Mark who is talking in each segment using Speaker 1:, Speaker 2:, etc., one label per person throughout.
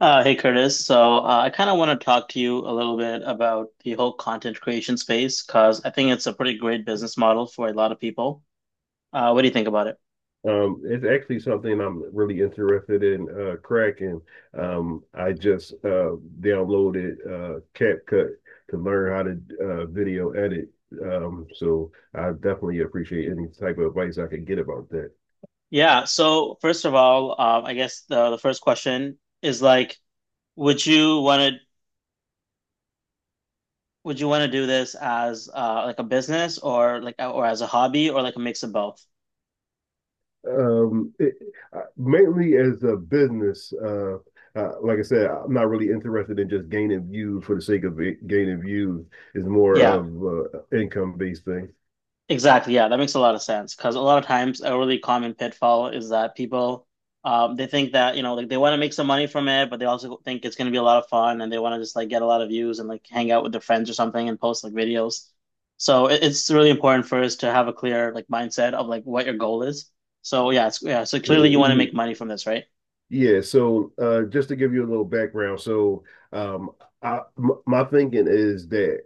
Speaker 1: Hey Curtis, so I kind of want to talk to you a little bit about the whole content creation space because I think it's a pretty great business model for a lot of people. What do you think about it?
Speaker 2: It's actually something I'm really interested in cracking. I just downloaded CapCut to learn how to video edit. So I definitely appreciate any type of advice I could get about that.
Speaker 1: Yeah, so first of all, I guess the first question is like, would you want would you want to do this as like a business or as a hobby or like a mix of both?
Speaker 2: Um, it, Mainly as a business, like I said, I'm not really interested in just gaining views for the sake of gaining views. It's more
Speaker 1: Yeah,
Speaker 2: of income based thing.
Speaker 1: exactly. Yeah, that makes a lot of sense because a lot of times a really common pitfall is that people they think that you know like they want to make some money from it, but they also think it's going to be a lot of fun and they want to just like get a lot of views and like hang out with their friends or something and post like videos. So it's really important for us to have a clear like mindset of like what your goal is. So yeah, So clearly you want to
Speaker 2: Uh,
Speaker 1: make money from this, right?
Speaker 2: Yeah, so just to give you a little background, so um, I, m my thinking is that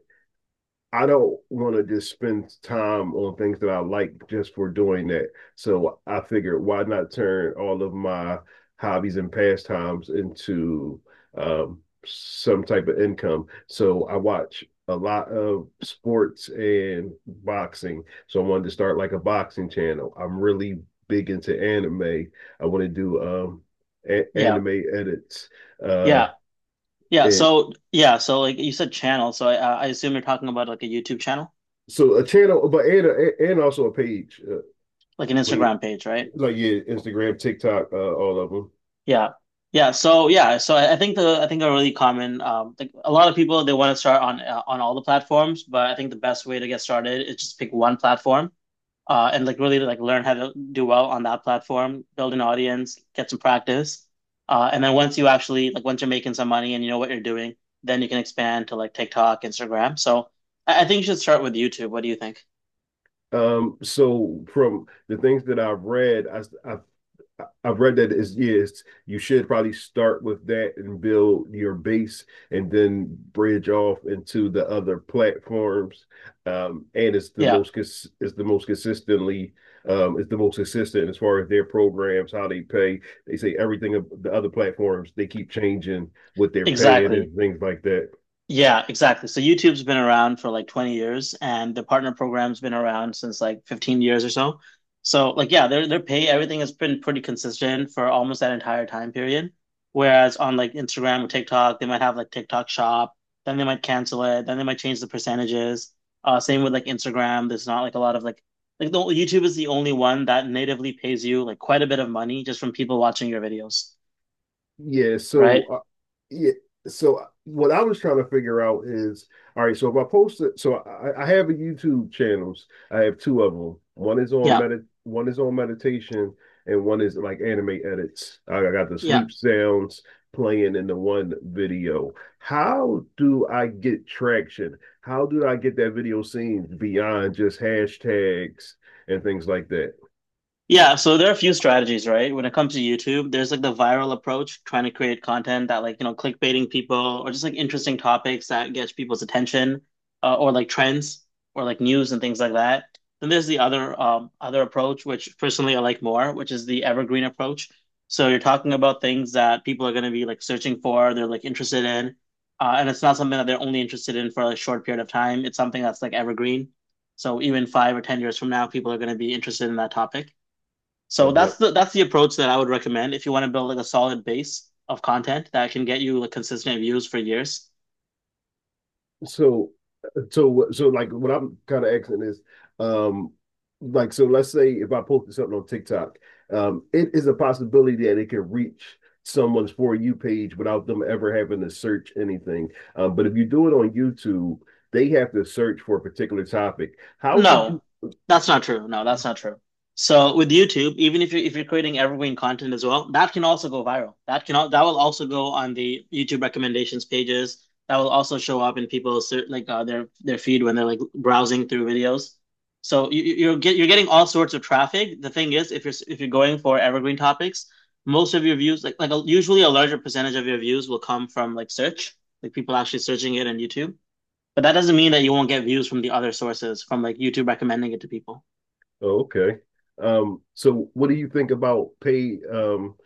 Speaker 2: I don't want to just spend time on things that I like just for doing that. So I figured, why not turn all of my hobbies and pastimes into um, some type of income? So I watch a lot of sports and boxing. So I wanted to start like a boxing channel. I'm really big into anime. I want to do
Speaker 1: Yeah.
Speaker 2: anime edits uh,
Speaker 1: Yeah. Yeah,
Speaker 2: and
Speaker 1: so yeah, so like you said channel, so I assume you're talking about like a YouTube channel,
Speaker 2: so a channel, but and also a page.
Speaker 1: like an
Speaker 2: I mean,
Speaker 1: Instagram page, right?
Speaker 2: like yeah, Instagram, TikTok, all of them.
Speaker 1: Yeah. Yeah, so yeah, so I think the I think a really common like a lot of people they want to start on all the platforms, but I think the best way to get started is just pick one platform and like really like learn how to do well on that platform, build an audience, get some practice. And then once you actually like once you're making some money and you know what you're doing, then you can expand to like TikTok, Instagram. So I think you should start with YouTube. What do you think?
Speaker 2: So from the things that I've read, I've I've read that is yes, you should probably start with that and build your base, and then bridge off into the other platforms. And it's
Speaker 1: Yeah.
Speaker 2: it's the most consistently it's the most consistent as far as their programs, how they pay. They say everything of the other platforms they keep changing what they're paying
Speaker 1: Exactly.
Speaker 2: and things like that.
Speaker 1: Yeah, exactly. So YouTube's been around for like 20 years and the partner program's been around since like 15 years or so. So like yeah, their pay, everything has been pretty consistent for almost that entire time period. Whereas on like Instagram or TikTok, they might have like TikTok shop, then they might cancel it, then they might change the percentages. Same with like Instagram. There's not like a lot of like the YouTube is the only one that natively pays you like quite a bit of money just from people watching your videos,
Speaker 2: Yeah,
Speaker 1: right?
Speaker 2: so yeah, what I was trying to figure out is, all right, so if I post it, so I have a YouTube channels. I have two of them. One is on
Speaker 1: Yeah.
Speaker 2: medit, one is on meditation, and one is like anime edits. I got the
Speaker 1: Yeah.
Speaker 2: sleep sounds playing in the one video. How do I get traction? How do I get that video seen beyond just hashtags and things like that?
Speaker 1: Yeah, so there are a few strategies, right? When it comes to YouTube, there's like the viral approach, trying to create content that like, you know, clickbaiting people or just like interesting topics that gets people's attention, or like trends or like news and things like that. Then there's the other approach, which personally I like more, which is the evergreen approach. So you're talking about things that people are going to be like searching for, they're like interested in, and it's not something that they're only interested in for a short period of time. It's something that's like evergreen. So even 5 or 10 years from now, people are going to be interested in that topic. So
Speaker 2: Like my
Speaker 1: that's the approach that I would recommend if you want to build like a solid base of content that can get you like consistent views for years.
Speaker 2: so. So like what I'm kind of asking is, um, like so, let's say if I posted something on TikTok, it is a possibility that it can reach someone's for you page without them ever having to search anything. But if you do it on YouTube, they have to search for a particular topic. How do you?
Speaker 1: No, that's not true. No, that's not true. So with YouTube, even if you're creating evergreen content as well, that can also go viral. That will also go on the YouTube recommendations pages. That will also show up in people's like their feed when they're like browsing through videos. So you're get you're getting all sorts of traffic. The thing is, if you're going for evergreen topics, most of your views like usually a larger percentage of your views will come from like search, like people actually searching it on YouTube. But that doesn't mean that you won't get views from the other sources, from like YouTube recommending it to people.
Speaker 2: Oh, okay. So what do you think about paid um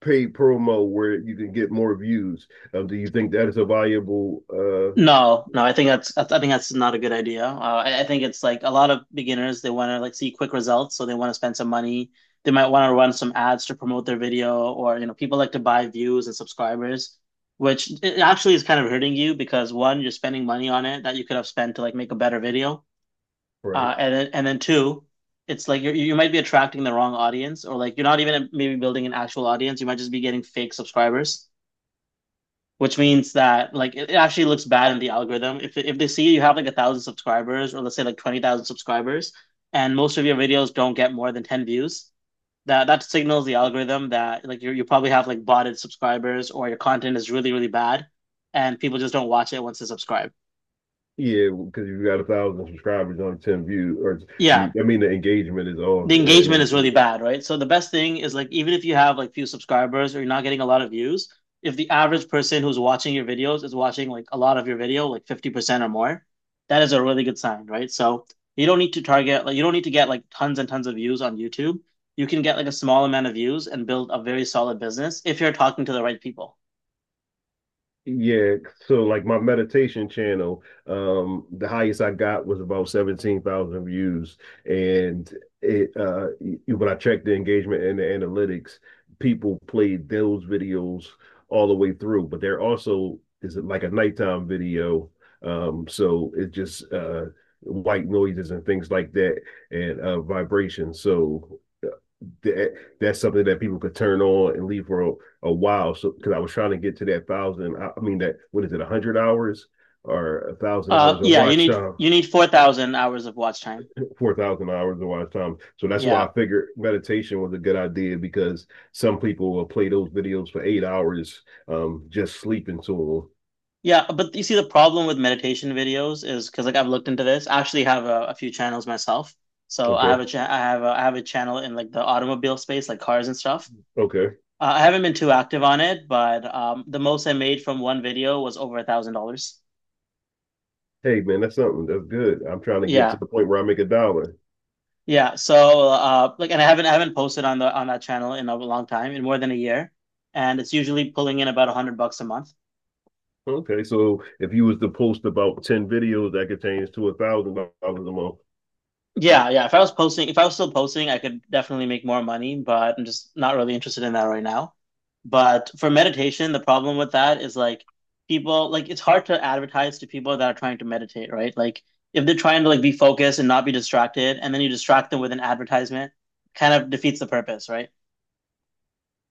Speaker 2: paid promo where you can get more views? Do you think that is a valuable
Speaker 1: No, no, I think that's not a good idea. I think it's like a lot of beginners they want to like see quick results, so they want to spend some money. They might want to run some ads to promote their video, or you know, people like to buy views and subscribers, which it actually is kind of hurting you because one, you're spending money on it that you could have spent to like make a better video.
Speaker 2: right?
Speaker 1: And then two, it's like you might be attracting the wrong audience, or like you're not even maybe building an actual audience. You might just be getting fake subscribers, which means that like it actually looks bad in the algorithm. If they see you have like a thousand subscribers, or let's say like 20,000 subscribers, and most of your videos don't get more than ten views, that signals the algorithm that like you probably have like botted subscribers, or your content is really really bad, and people just don't watch it once they subscribe.
Speaker 2: Yeah, because you got 1,000 subscribers on 10 views, or
Speaker 1: Yeah,
Speaker 2: you, I mean, the engagement is off,
Speaker 1: the
Speaker 2: and
Speaker 1: engagement
Speaker 2: it,
Speaker 1: is really bad, right? So the best thing is like even if you have like few subscribers or you're not getting a lot of views, if the average person who's watching your videos is watching like a lot of your video, like 50% or more, that is a really good sign, right? So you don't need to target like you don't need to get like tons and tons of views on YouTube. You can get like a small amount of views and build a very solid business if you're talking to the right people.
Speaker 2: yeah, so like my meditation channel, the highest I got was about 17,000 views. And when I checked the engagement and the analytics, people played those videos all the way through, but there also is like a nighttime video. So it just white noises and things like that and vibrations. So that that's something that people could turn on and leave for a while. So because I was trying to get to that thousand, mean that what is it, 100 hours or a thousand hours of
Speaker 1: Yeah,
Speaker 2: watch time,
Speaker 1: you need 4,000 hours of watch time.
Speaker 2: 4,000 hours of watch time. So that's why
Speaker 1: Yeah,
Speaker 2: I figured meditation was a good idea because some people will play those videos for 8 hours, just sleeping to
Speaker 1: yeah, but you see, the problem with meditation videos is because like I've looked into this. I actually have a few channels myself.
Speaker 2: them.
Speaker 1: So I
Speaker 2: Okay,
Speaker 1: have I have I have a channel in like the automobile space, like cars and stuff.
Speaker 2: okay.
Speaker 1: I haven't been too active on it, but the most I made from one video was over $1,000.
Speaker 2: Hey man, that's something that's good. I'm trying to get to
Speaker 1: Yeah,
Speaker 2: the point where I make a dollar.
Speaker 1: yeah. So like, and I haven't posted on the on that channel in a long time, in more than a year, and it's usually pulling in about 100 bucks a month.
Speaker 2: Okay, so if you was to post about 10 videos, that could change to $1,000 a month.
Speaker 1: Yeah, yeah. If I was still posting, I could definitely make more money, but I'm just not really interested in that right now. But for meditation, the problem with that is like people, like it's hard to advertise to people that are trying to meditate, right? Like if they're trying to like be focused and not be distracted, and then you distract them with an advertisement, kind of defeats the purpose, right?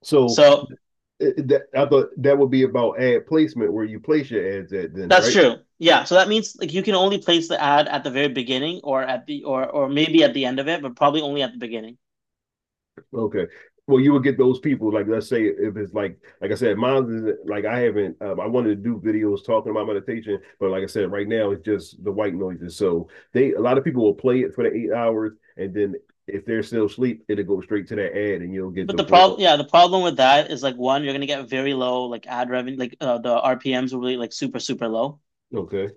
Speaker 2: So
Speaker 1: So
Speaker 2: That I thought that would be about ad placement where you place your ads at then,
Speaker 1: that's
Speaker 2: right?
Speaker 1: true. Yeah. So that means like you can only place the ad at the very beginning or at the or maybe at the end of it, but probably only at the beginning.
Speaker 2: Okay. Well, you would get those people, like let's say if it's like I said, mine is like I haven't I wanted to do videos talking about meditation, but like I said, right now it's just the white noises. So they a lot of people will play it for the 8 hours and then if they're still asleep, it'll go straight to that ad and you'll get
Speaker 1: But
Speaker 2: the
Speaker 1: the problem,
Speaker 2: full
Speaker 1: yeah, the problem with that is like one, you're gonna get very low like ad revenue, like the RPMs will be like super super low
Speaker 2: okay.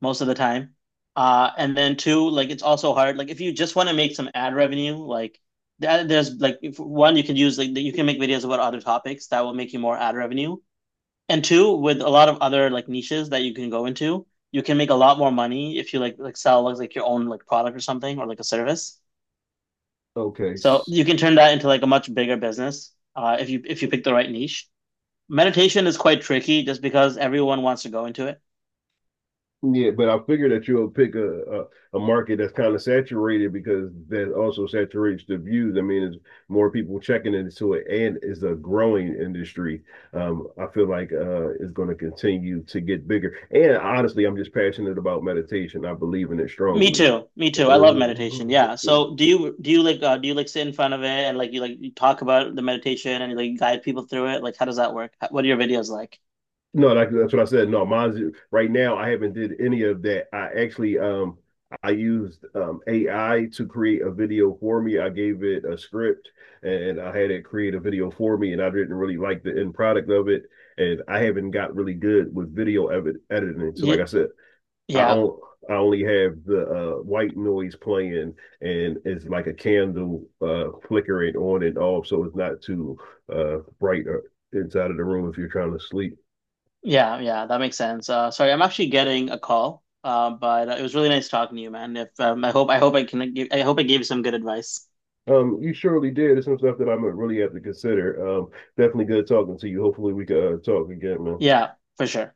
Speaker 1: most of the time. And then two, like it's also hard. Like if you just want to make some ad revenue, like th- there's like if, one you can use like you can make videos about other topics that will make you more ad revenue. And two, with a lot of other like niches that you can go into, you can make a lot more money if you like your own like product or something or like a service.
Speaker 2: Okay.
Speaker 1: So you can turn that into like a much bigger business if you pick the right niche. Meditation is quite tricky just because everyone wants to go into it.
Speaker 2: Yeah, but I figure that you'll pick a market that's kind of saturated because that also saturates the views. I mean, it's more people checking into it, and it's a growing industry. I feel like it's going to continue to get bigger. And honestly, I'm just passionate about meditation. I believe in it
Speaker 1: Me
Speaker 2: strongly.
Speaker 1: too, me too. I love meditation. Yeah, so do you like sit in front of it and like you talk about the meditation and you like guide people through it, like how does that work? What are your videos like?
Speaker 2: No, like, that's what I said. No, mine's right now. I haven't did any of that. I actually I used AI to create a video for me. I gave it a script and I had it create a video for me, and I didn't really like the end product of it. And I haven't got really good with video edit editing. So,
Speaker 1: Yeah.
Speaker 2: like I said, I
Speaker 1: Yeah.
Speaker 2: don't. I only have the white noise playing, and it's like a candle flickering on and off, so it's not too bright inside of the room if you're trying to sleep.
Speaker 1: Yeah, yeah, that makes sense. Uh, sorry, I'm actually getting a call. But It was really nice talking to you, man. If I hope I can give I hope I gave you some good advice.
Speaker 2: You surely did. It's some stuff that I'm gonna really have to consider. Definitely good talking to you. Hopefully we can talk again, man.
Speaker 1: Yeah, for sure.